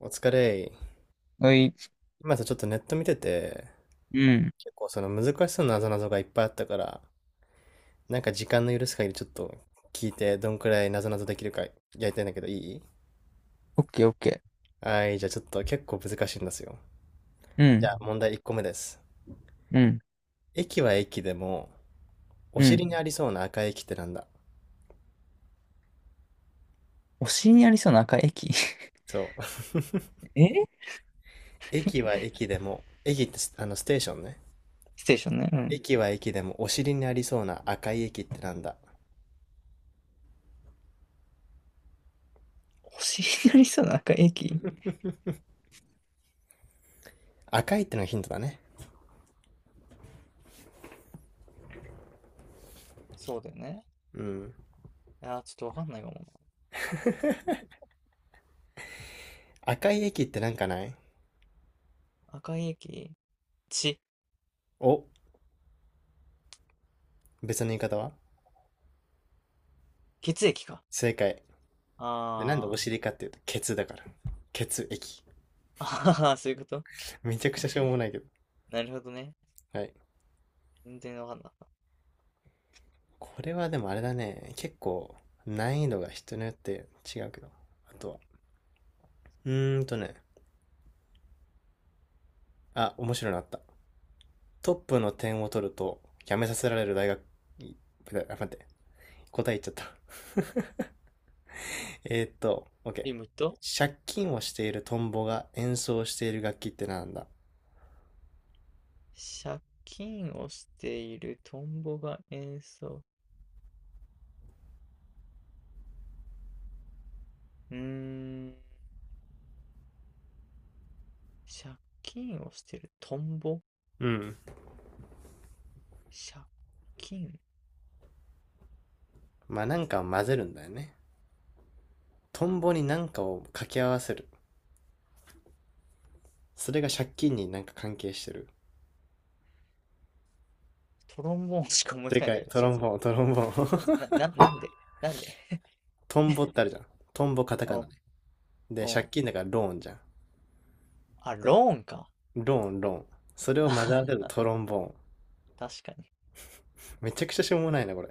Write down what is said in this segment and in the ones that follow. お疲れ。はい。今さ、ちょっとネット見てて、うん。結構その難しそうなぞなぞがいっぱいあったから、なんか時間の許す限りちょっと聞いて、どんくらいなぞなぞできるかやりたいんだけど、いい？オッケーオッケー。はい、じゃあちょっと結構難しいんですよ。うじゃん。あ問題1個目です。うん。駅は駅でも、おう尻ん。にありそうな赤い駅ってなんだ？お尻にありそうな赤い駅。 そう。え、 駅は駅でも、駅ってスあのステーションね。ステーションね。うん。駅は駅でもお尻にありそうな赤い駅ってなんだ？お尻にありそうな赤い駅、赤いってのがヒントだね。そうだよね。うん。あー、ちょっとわかんないかもな。赤い駅ってなんかない？赤い駅、血、お、別の言い方は？血液か。正解。でなんでおあー。尻かっていうと、血だから。血液。あは、そういうこと。 めちゃくちゃしょうもないけど。なるほどね。はい。全然わかんなかった。これはでもあれだね。結構、難易度が人によって違うけど。あとは。うーんとね。あ、面白いのあった。トップの点を取ると、辞めさせられる大学、あ、待って。答え言っちゃった。OK。今、借金をしているトンボが演奏している楽器ってなんだ？借金をしているトンボが演奏。うーん。借金をしているトンボ、うん。借金、まあなんか混ぜるんだよね。トンボに何かを掛け合わせる。それが借金になんか関係してる。トロンボーンしか思いつ正かないん解、だトけど、違ロンう？ボーン、トロンボそうーン。な、な、なんで、なんで？トンボってあるじゃん。トンボカタカナお、ね。で、借お、金だからローンじゃん。あ、で、ローンか。ローン、ローン。そ れをあ混ぜ合はわせるは、トロンボーン。確かに。めちゃくちゃしょうもないな、これ。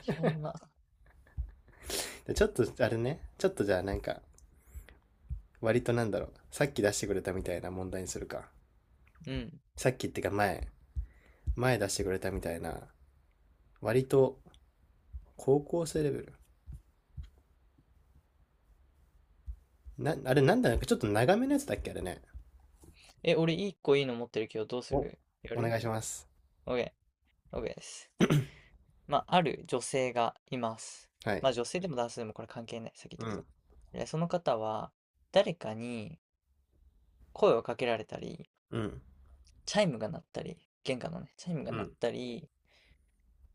しょうもな。で、ちょっと、あれね、ちょっとじゃあなんか、割となんだろう。さっき出してくれたみたいな問題にするか。うん。さっきってか前出してくれたみたいな、割と高校生レベル。な、あれなんだなかちょっと長めのやつだっけあれね。え、俺一個いいの持ってるけど、どうすお、る？やおる？ 願いします。OK。OK です。まあ、ある女性がいます。はい。まあ、女性でも男性でもこれ関係ない。先言っうとくと。ん。でその方は、誰かに声をかけられたり、うん。チャイムが鳴ったり、玄関のね、チャイムがう鳴っん。たり、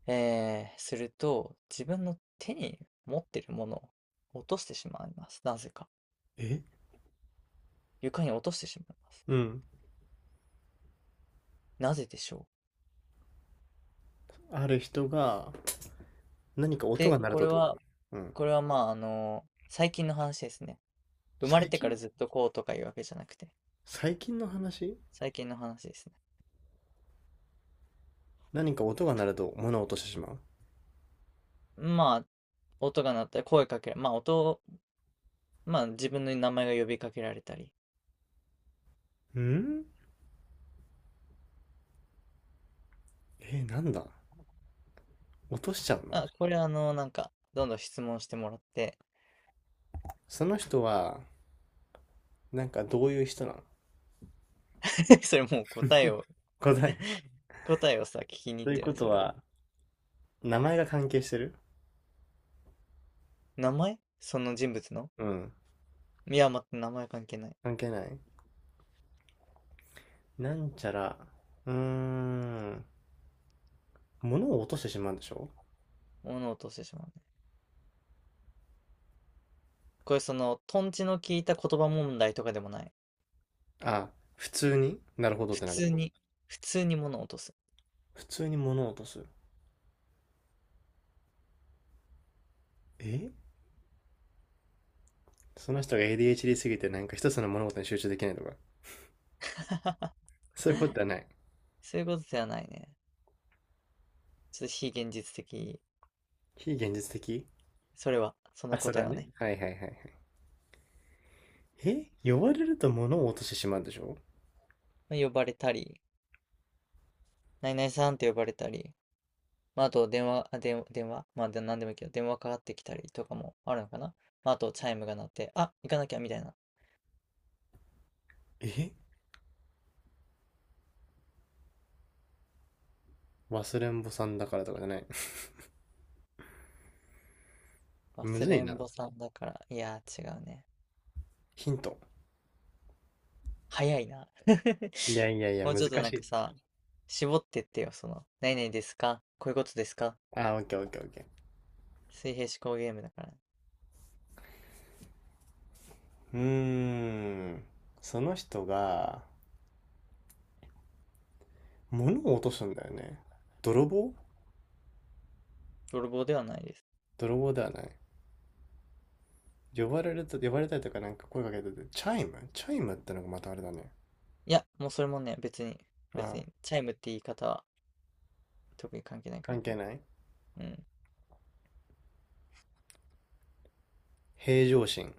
すると、自分の手に持ってるものを落としてしまいます。なぜか。え床に落としてしまいます。うん。なぜでしょう。ある人が何か音で、が鳴ることれってこと？は、うん。これはまあ、最近の話ですね。生ま最れてか近？らずっとこうとかいうわけじゃなくて、最近の話？最近の話ですね。何か音が鳴ると物を落としてしままあ、音が鳴ったり、声かけら、まあ、音を、まあ、自分の名前が呼びかけられたり。うん。なんだ？落としちゃうの？あ、これなんか、どんどん質問してもらって、その人は、なんかどういう人なの？ それもう答えを。 答え？ 答えをさ、聞きに行とっいうてるこね、とそれは。は名前が関係してる？名前、その人物の、うん。いや、待って、名前関係ない。関係ない？なんちゃら。うーん。物を落としてしまうんでしょ？物を落としてしまうね。これ、その、トンチの効いた言葉問題とかでもない。あ。普通になるほどって普な通る？に、普通に物を落とす。普通に物を落とす？えその人が ADHD すぎてなんか一つの物事に集中できないとか、そういうことはない。そういうことではないね。ちょっと非現実的。非現実的？それは、そあ、のそれ答えははね。ね。はいはいはいはい。呼ばれると物を落としてしまうでしょ？まあ呼ばれたり、何々さんって呼ばれたり、まあ、あと、電話、あ、電、電話、まあ、で何でもいいけど、電話かかってきたりとかもあるのかな。まあ、あと、チャイムが鳴って、あ、行かなきゃ、みたいな。え忘れんぼさんだからとかじゃない。む忘ずれいんな。ぼさんだから、いやー、違うね。ヒント。早いな。いやいやいや、もう難ちょっとなしんかい。さ、絞ってってよ、その、何々ですか、こういうことですかあ、オッケーオッケーオッケー。水平思考ゲームだから。うーん。その人が物を落とすんだよね。泥棒？泥棒ではないです。泥棒ではない？呼ばれると、呼ばれたりとかなんか声かけてて、チャイムチャイムってのがまたあれだね。いや、もうそれもね、別に、別あ。に、チャイムって言い方は特に関係ないから。関係ない？うん。平常心。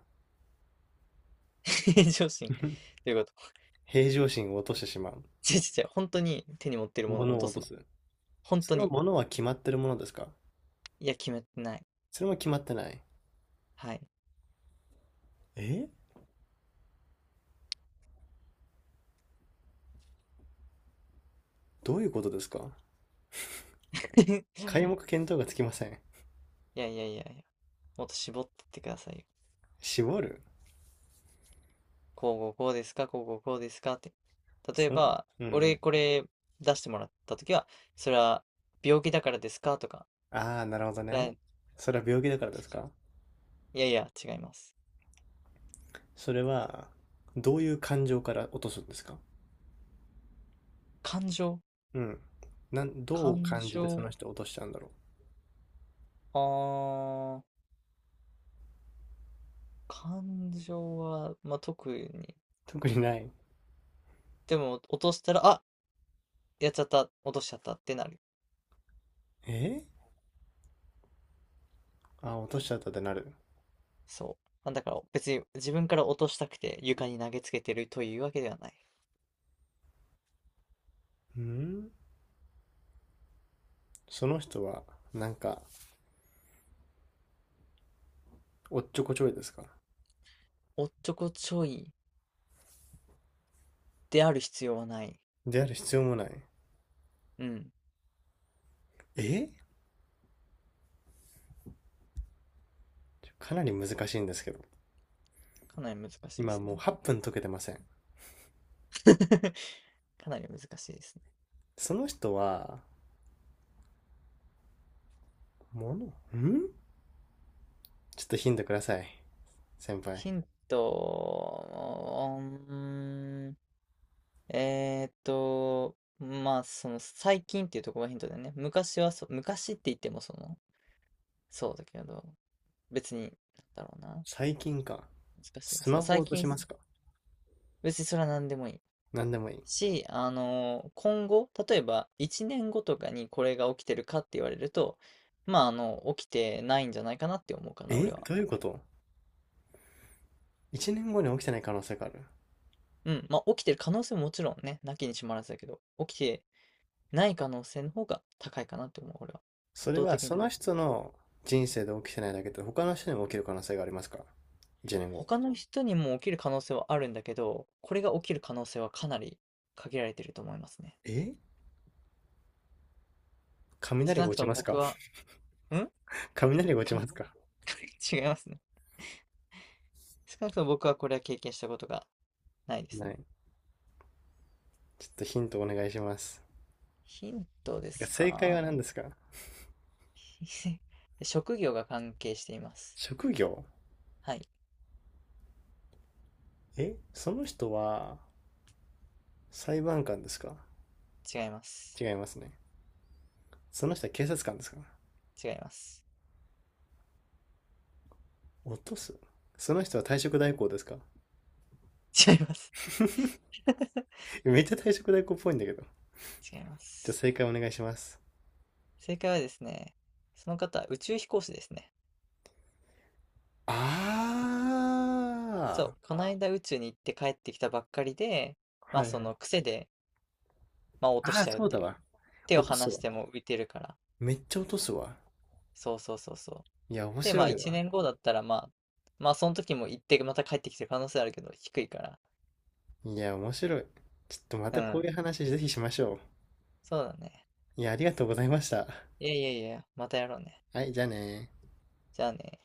平常心。ということ。平常心を落としてしまう。ちょちょちょ、本当に手に持ってるものを物落をと落すとの？す。本当そのに。物は決まってるものですか？いや、決めてない。それも決まってない？はい。えどういうことですか？ 皆目見当がつきません。いやいやいやいや、もっと絞ってってくださいよ。絞る？こうこうこうですか、こうこうこうですかって。例えその。ば、うんう俺ん。これ出してもらったときは、それは病気だからですかとか、ああ、なるほどだね。い、それは病気だからですか？いやいや、違います。それは、どういう感情から落とすんですか？感情？うん。なん、どう感感じてそ情、の人を落としちゃうんだろう？あー、感情は、まあ、特に。特にない？でも、落としたら、あ、やっちゃった、落としちゃったってなる。えあー、落としちゃったってなる？そう。なんだから、別に自分から落としたくて床に投げつけてるというわけではない。うん。その人は、なんか、おっちょこちょいですか？おっちょこちょいである必要はない。である必要もない？うん。えかなり難しいんですけど。かなり難しいで今すもうね。8分解けてません。かなり難しいですね。その人は、ものんちょっとヒントください。先輩。ヒント、うーん、まあ、その最近っていうところがヒントだよね。昔はそ、昔って言ってもその、そうだけど、別に、なんだろうな。最近か。難しい。スそう、マホを最落とし近、ますか？別にそれは何でもいい。何でもいい？し、今後、例えば1年後とかにこれが起きてるかって言われると、まあ、起きてないんじゃないかなって思うかな、俺は。どういうこと ?1 年後に起きてない可能性がある？うん、まあ、起きてる可能性ももちろんね、なきにしもあらずだけど、起きてない可能性の方が高いかなって思う、俺は。圧それ倒は的にそ高のい。人の人生で起きてないだけで他の人にも起きる可能性がありますか ?1 年後？他の人にも起きる可能性はあるんだけど、これが起きる可能性はかなり限られてると思いますね。え雷少がなく落ちとまもす僕か？ は、うん。 雷が落ちますか？ 違いますね。少なくとも僕はこれは経験したことがないですなね。い？ちょっとヒントお願いします。ヒントでてかす正解はか？ 何ですか？ 職業が関係しています。職業？はい、その人は裁判官ですか？違います。違いますね。その人は警察官ですか？違います。落とす。その人は退職代行ですか？ 違います。めっちゃ退職代行っぽいんだけど。違いまじゃあす。正解お願いします。正解はですね、その方、宇宙飛行士ですね。あそー。う、この間宇宙に行って帰ってきたばっかりで、まはあいそはい。の癖で、まあ落とあしあ、ちゃうっそうてだいう。わ。手を落と離すしわ。ても浮いてるから。めっちゃ落とすわ。そうそうそうそう。いや、面で、まあ白い1わ。年後だったら、まあ、まあその時も行ってまた帰ってきてる可能性あるけど、低いから。いや、面白い。ちょっとまうたこういん、う話ぜひしましょう。そうだね。いや、ありがとうございました。いやいやいや、またやろうね。はい、じゃあねー。じゃあね。